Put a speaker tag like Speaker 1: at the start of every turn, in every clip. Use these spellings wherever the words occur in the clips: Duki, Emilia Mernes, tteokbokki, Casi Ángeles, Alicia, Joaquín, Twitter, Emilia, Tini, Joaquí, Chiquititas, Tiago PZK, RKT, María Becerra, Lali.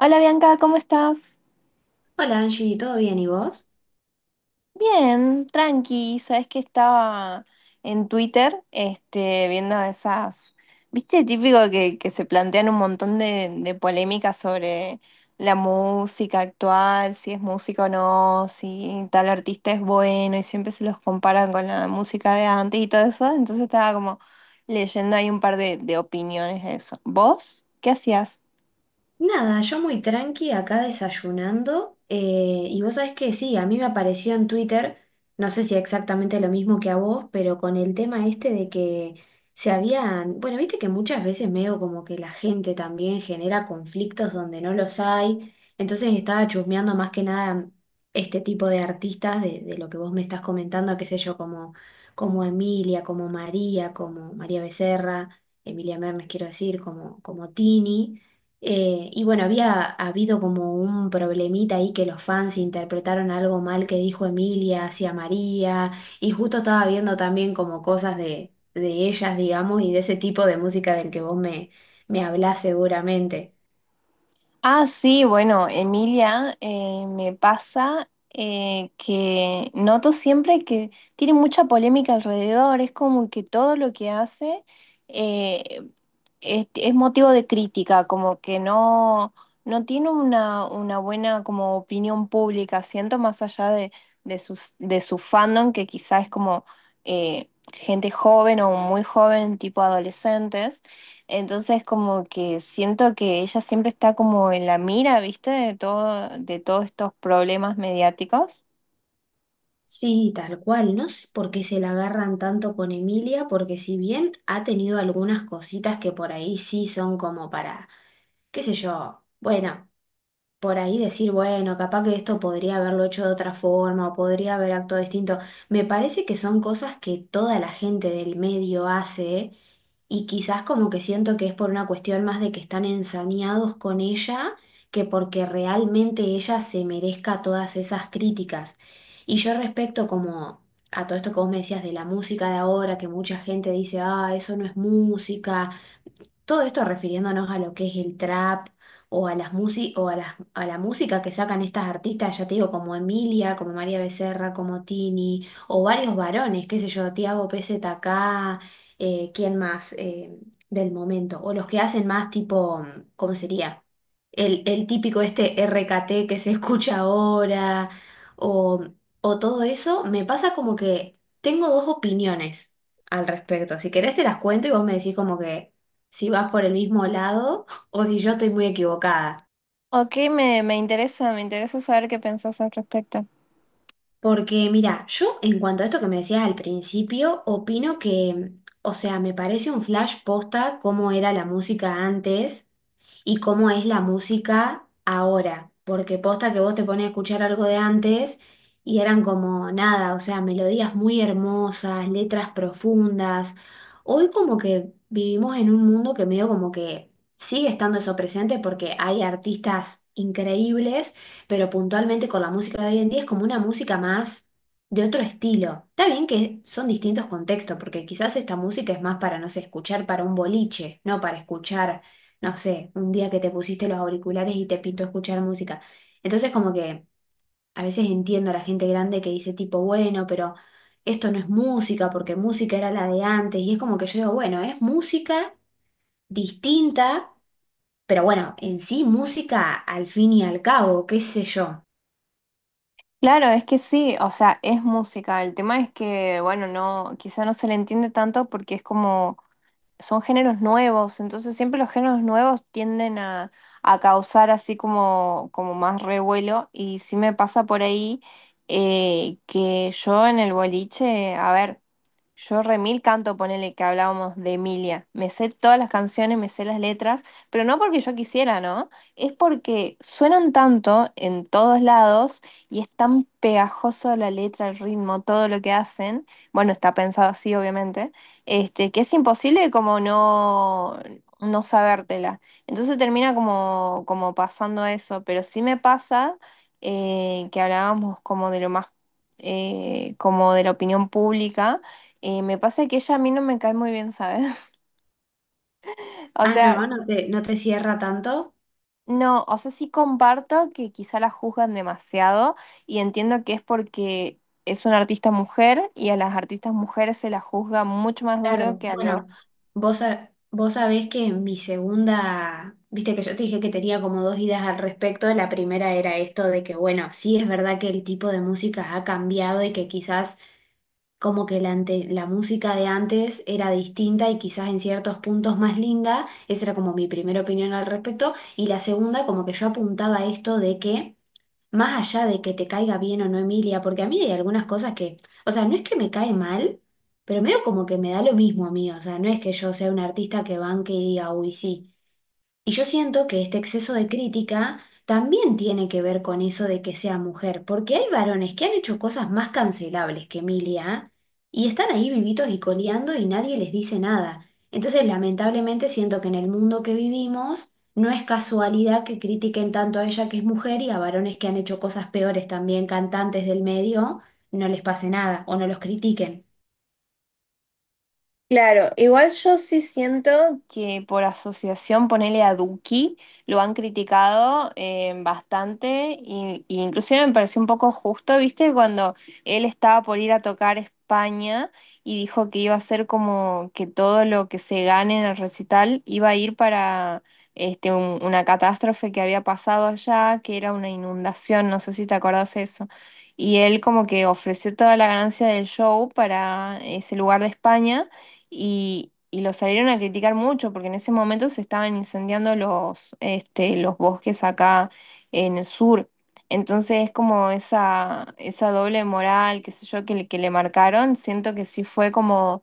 Speaker 1: Hola Bianca, ¿cómo estás?
Speaker 2: Hola Angie, ¿todo bien y vos?
Speaker 1: Bien, tranqui, sabes que estaba en Twitter, este, viendo esas, viste, típico que se plantean un montón de polémicas sobre la música actual, si es música o no, si tal artista es bueno, y siempre se los comparan con la música de antes y todo eso, entonces estaba como leyendo ahí un par de opiniones de eso. ¿Vos? ¿Qué hacías?
Speaker 2: Nada, yo muy tranqui acá desayunando y vos sabés que sí, a mí me apareció en Twitter, no sé si exactamente lo mismo que a vos, pero con el tema este de que se habían, bueno, viste que muchas veces medio como que la gente también genera conflictos donde no los hay, entonces estaba chusmeando más que nada este tipo de artistas de lo que vos me estás comentando, qué sé yo, como, como Emilia, como María Becerra, Emilia Mernes quiero decir, como, como Tini. Y bueno, había habido como un problemita ahí que los fans interpretaron algo mal que dijo Emilia hacia María, y justo estaba viendo también como cosas de ellas, digamos, y de ese tipo de música del que vos me, me hablás seguramente.
Speaker 1: Ah, sí, bueno, Emilia, me pasa que noto siempre que tiene mucha polémica alrededor, es como que todo lo que hace eh, es motivo de crítica, como que no, no tiene una buena como opinión pública, siento más allá de, sus, de su fandom, que quizás es como gente joven o muy joven, tipo adolescentes, entonces como que siento que ella siempre está como en la mira, ¿viste? De todo, de todos estos problemas mediáticos.
Speaker 2: Sí, tal cual, no sé por qué se la agarran tanto con Emilia, porque si bien ha tenido algunas cositas que por ahí sí son como para, qué sé yo, bueno, por ahí decir, bueno, capaz que esto podría haberlo hecho de otra forma o podría haber actuado distinto. Me parece que son cosas que toda la gente del medio hace y quizás como que siento que es por una cuestión más de que están ensañados con ella que porque realmente ella se merezca todas esas críticas. Y yo respecto como… a todo esto que vos me decías de la música de ahora, que mucha gente dice, ah, eso no es música, todo esto refiriéndonos a lo que es el trap o a las a la música que sacan estas artistas, ya te digo, como Emilia, como María Becerra, como Tini, o varios varones, qué sé yo, Tiago PZK, ¿quién más del momento? O los que hacen más tipo, ¿cómo sería? El típico este RKT que se escucha ahora, o, o todo eso, me pasa como que tengo dos opiniones al respecto. Si querés te las cuento y vos me decís como que si vas por el mismo lado o si yo estoy muy equivocada.
Speaker 1: Ok, me interesa, me interesa saber qué pensás al respecto.
Speaker 2: Porque mira, yo en cuanto a esto que me decías al principio, opino que, o sea, me parece un flash posta cómo era la música antes y cómo es la música ahora. Porque posta que vos te pones a escuchar algo de antes y eran como nada, o sea, melodías muy hermosas, letras profundas. Hoy como que vivimos en un mundo que medio como que sigue estando eso presente porque hay artistas increíbles, pero puntualmente con la música de hoy en día es como una música más de otro estilo. Está bien que son distintos contextos, porque quizás esta música es más para, no sé, escuchar para un boliche, no para escuchar, no sé, un día que te pusiste los auriculares y te pintó escuchar música. Entonces como que a veces entiendo a la gente grande que dice tipo, bueno, pero esto no es música, porque música era la de antes, y es como que yo digo, bueno, es música distinta. Pero bueno, en sí música al fin y al cabo, qué sé yo.
Speaker 1: Claro, es que sí, o sea, es música. El tema es que, bueno, no, quizá no se le entiende tanto porque es como, son géneros nuevos, entonces siempre los géneros nuevos tienden a causar así como, como más revuelo y sí me pasa por ahí que yo en el boliche, a ver. Yo remil canto, ponele que hablábamos de Emilia. Me sé todas las canciones, me sé las letras, pero no porque yo quisiera, ¿no? Es porque suenan tanto en todos lados y es tan pegajoso la letra, el ritmo, todo lo que hacen. Bueno, está pensado así, obviamente, este, que es imposible como no, no sabértela. Entonces termina como, como pasando eso, pero sí me pasa que hablábamos como de lo más, como de la opinión pública. Me pasa que ella a mí no me cae muy bien, ¿sabes? O
Speaker 2: Ah, no,
Speaker 1: sea,
Speaker 2: no te, no te cierra tanto.
Speaker 1: no, o sea, sí comparto que quizá la juzgan demasiado y entiendo que es porque es una artista mujer y a las artistas mujeres se la juzga mucho más duro
Speaker 2: Claro.
Speaker 1: que a los.
Speaker 2: Bueno, vos, vos sabés que mi segunda, viste que yo te dije que tenía como dos ideas al respecto. La primera era esto de que, bueno, sí es verdad que el tipo de música ha cambiado y que quizás como que la, la música de antes era distinta y quizás en ciertos puntos más linda. Esa era como mi primera opinión al respecto. Y la segunda, como que yo apuntaba a esto de que… más allá de que te caiga bien o no Emilia, porque a mí hay algunas cosas que, o sea, no es que me cae mal, pero medio como que me da lo mismo a mí, o sea, no es que yo sea un artista que banque y diga, uy, sí. Y yo siento que este exceso de crítica también tiene que ver con eso de que sea mujer, porque hay varones que han hecho cosas más cancelables que Emilia y están ahí vivitos y coleando y nadie les dice nada. Entonces, lamentablemente, siento que en el mundo que vivimos no es casualidad que critiquen tanto a ella que es mujer y a varones que han hecho cosas peores también, cantantes del medio, no les pase nada o no los critiquen.
Speaker 1: Claro, igual yo sí siento que por asociación, ponele a Duki, lo han criticado bastante y inclusive me pareció un poco justo, ¿viste? Cuando él estaba por ir a tocar España y dijo que iba a ser como que todo lo que se gane en el recital iba a ir para este, un- una catástrofe que había pasado allá, que era una inundación, no sé si te acordás eso. Y él como que ofreció toda la ganancia del show para ese lugar de España y lo salieron a criticar mucho porque en ese momento se estaban incendiando los, este, los bosques acá en el sur. Entonces es como esa doble moral, qué sé yo, que le marcaron. Siento que sí fue como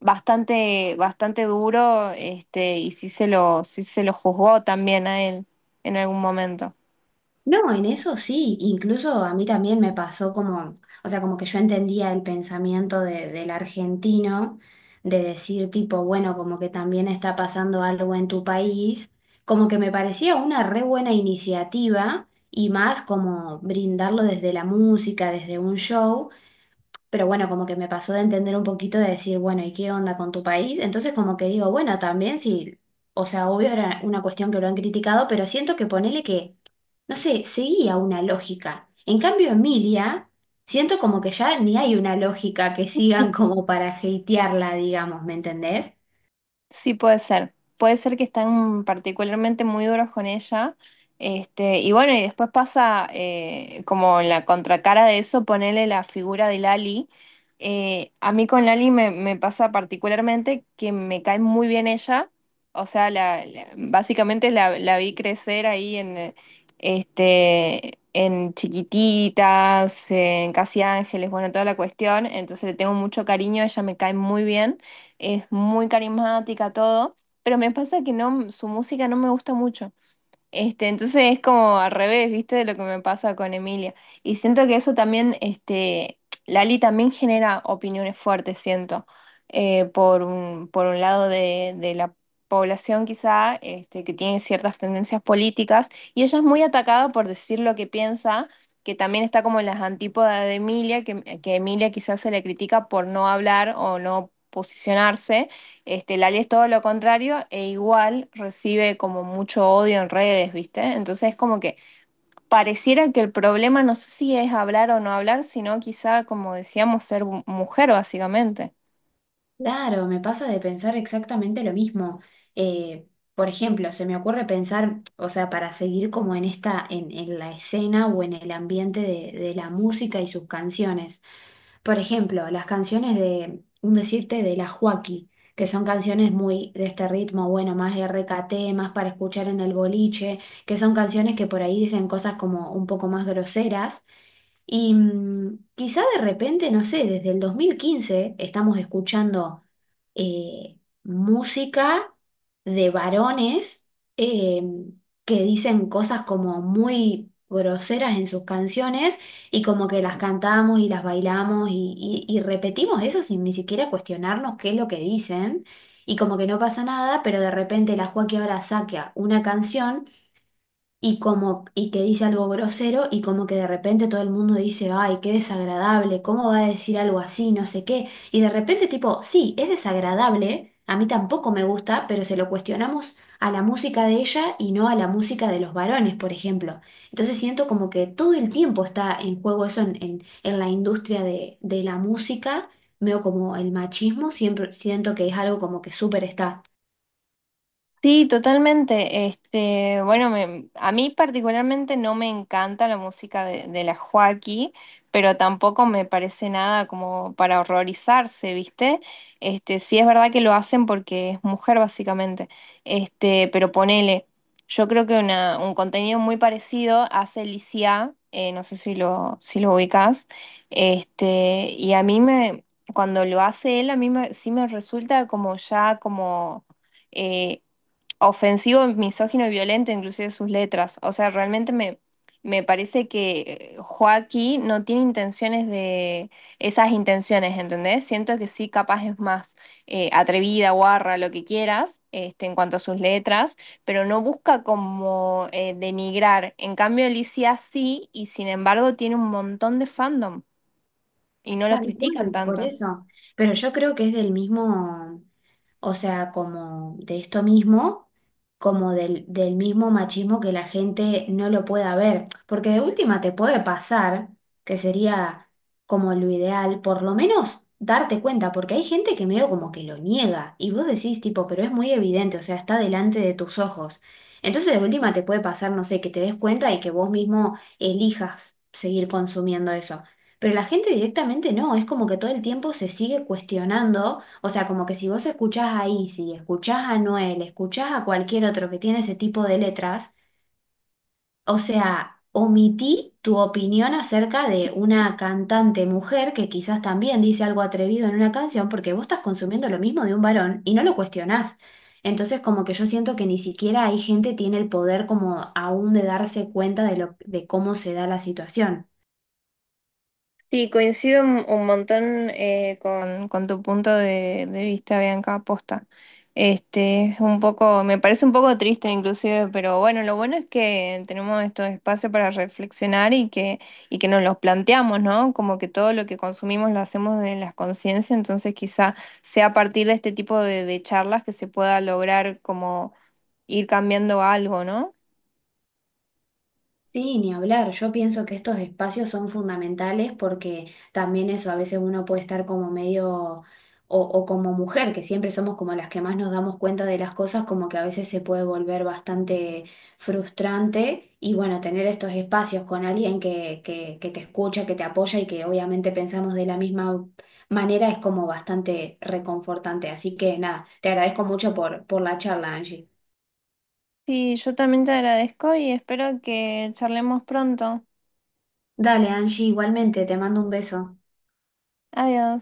Speaker 1: bastante, bastante duro, este, y sí se lo juzgó también a él en algún momento.
Speaker 2: No, en eso sí, incluso a mí también me pasó como, o sea, como que yo entendía el pensamiento del argentino de decir tipo, bueno, como que también está pasando algo en tu país, como que me parecía una re buena iniciativa y más como brindarlo desde la música, desde un show, pero bueno, como que me pasó de entender un poquito de decir, bueno, ¿y qué onda con tu país? Entonces como que digo, bueno, también sí, o sea, obvio era una cuestión que lo han criticado, pero siento que ponele que, no sé, seguía una lógica. En cambio, Emilia, siento como que ya ni hay una lógica que sigan como para hatearla, digamos, ¿me entendés?
Speaker 1: Sí, puede ser. Puede ser que están particularmente muy duros con ella. Este, y bueno, y después pasa como en la contracara de eso, ponerle la figura de Lali. A mí con Lali me pasa particularmente que me cae muy bien ella. O sea, la- básicamente la, la vi crecer ahí en, este, en Chiquititas, en Casi Ángeles, bueno, toda la cuestión. Entonces le tengo mucho cariño, ella me cae muy bien, es muy carismática, todo, pero me pasa que no, su música no me gusta mucho. Este, entonces es como al revés, ¿viste? De lo que me pasa con Emilia. Y siento que eso también, este, Lali también genera opiniones fuertes, siento, por un lado de la población quizá, este, que tiene ciertas tendencias políticas, y ella es muy atacada por decir lo que piensa, que también está como en las antípodas de Emilia, que Emilia quizás se le critica por no hablar o no posicionarse. Este, Lali es todo lo contrario e igual recibe como mucho odio en redes, ¿viste? Entonces como que pareciera que el problema no sé si es hablar o no hablar, sino quizá, como decíamos, ser mu- mujer básicamente.
Speaker 2: Claro, me pasa de pensar exactamente lo mismo. Eh, por ejemplo, se me ocurre pensar, o sea, para seguir como en esta, en la escena o en el ambiente de la música y sus canciones. Por ejemplo, las canciones de, un decirte, de la Joaquí, que son canciones muy de este ritmo, bueno, más RKT, más para escuchar en el boliche, que son canciones que por ahí dicen cosas como un poco más groseras y quizá de repente, no sé, desde el 2015 estamos escuchando eh, música de varones eh, que dicen cosas como muy groseras en sus canciones y como que las cantamos y las bailamos y, y repetimos eso sin ni siquiera cuestionarnos qué es lo que dicen y como que no pasa nada, pero de repente la Joaquín ahora saca una canción y como y que dice algo grosero y como que de repente todo el mundo dice, "Ay, qué desagradable, ¿cómo va a decir algo así? No sé qué". Y de repente tipo, "Sí, es desagradable, a mí tampoco me gusta, pero se lo cuestionamos a la música de ella y no a la música de los varones, por ejemplo". Entonces siento como que todo el tiempo está en juego eso en la industria de la música. Veo como el machismo, siempre siento que es algo como que súper está.
Speaker 1: Sí, totalmente. Este, bueno, me- a mí particularmente no me encanta la música de la Joaquí, pero tampoco me parece nada como para horrorizarse, ¿viste? Este, sí es verdad que lo hacen porque es mujer básicamente. Este, pero ponele, yo creo que una, un contenido muy parecido hace Licia, no sé si lo, si lo ubicás. Este, y a mí me, cuando lo hace él, a mí me- sí me resulta como ya como eh, ofensivo, misógino y violento, inclusive sus letras. O sea, realmente me, me parece que Joaquín no tiene intenciones de esas intenciones, ¿entendés? Siento que sí, capaz es más atrevida, guarra, lo que quieras, este, en cuanto a sus letras, pero no busca como denigrar. En cambio, Alicia sí, y sin embargo tiene un montón de fandom y no lo
Speaker 2: Tal
Speaker 1: critican
Speaker 2: cual, por
Speaker 1: tanto.
Speaker 2: eso. Pero yo creo que es del mismo, o sea, como de esto mismo, como del, del mismo machismo que la gente no lo pueda ver, porque de última te puede pasar, que sería como lo ideal, por lo menos darte cuenta, porque hay gente que medio como que lo niega y vos decís tipo, pero es muy evidente, o sea, está delante de tus ojos. Entonces de última te puede pasar, no sé, que te des cuenta y que vos mismo elijas seguir consumiendo eso. Pero la gente directamente no, es como que todo el tiempo se sigue cuestionando, o sea, como que si vos escuchás a Izzy, escuchás a Noel, escuchás a cualquier otro que tiene ese tipo de letras, o sea, omití tu opinión acerca de una cantante mujer que quizás también dice algo atrevido en una canción porque vos estás consumiendo lo mismo de un varón y no lo cuestionás. Entonces, como que yo siento que ni siquiera hay gente tiene el poder como aún de darse cuenta de lo, de cómo se da la situación.
Speaker 1: Sí, coincido un montón con tu punto de vista, Bianca, aposta. Este, es un poco, me parece un poco triste inclusive, pero bueno, lo bueno es que tenemos estos espacios para reflexionar y que nos los planteamos, ¿no? Como que todo lo que consumimos lo hacemos de las conciencias, entonces quizá sea a partir de este tipo de charlas que se pueda lograr como ir cambiando algo, ¿no?
Speaker 2: Sí, ni hablar. Yo pienso que estos espacios son fundamentales porque también eso, a veces uno puede estar como medio o como mujer, que siempre somos como las que más nos damos cuenta de las cosas, como que a veces se puede volver bastante frustrante y bueno, tener estos espacios con alguien que, que te escucha, que te apoya y que obviamente pensamos de la misma manera es como bastante reconfortante. Así que nada, te agradezco mucho por la charla, Angie.
Speaker 1: Sí, yo también te agradezco y espero que charlemos pronto.
Speaker 2: Dale, Angie, igualmente, te mando un beso.
Speaker 1: Adiós.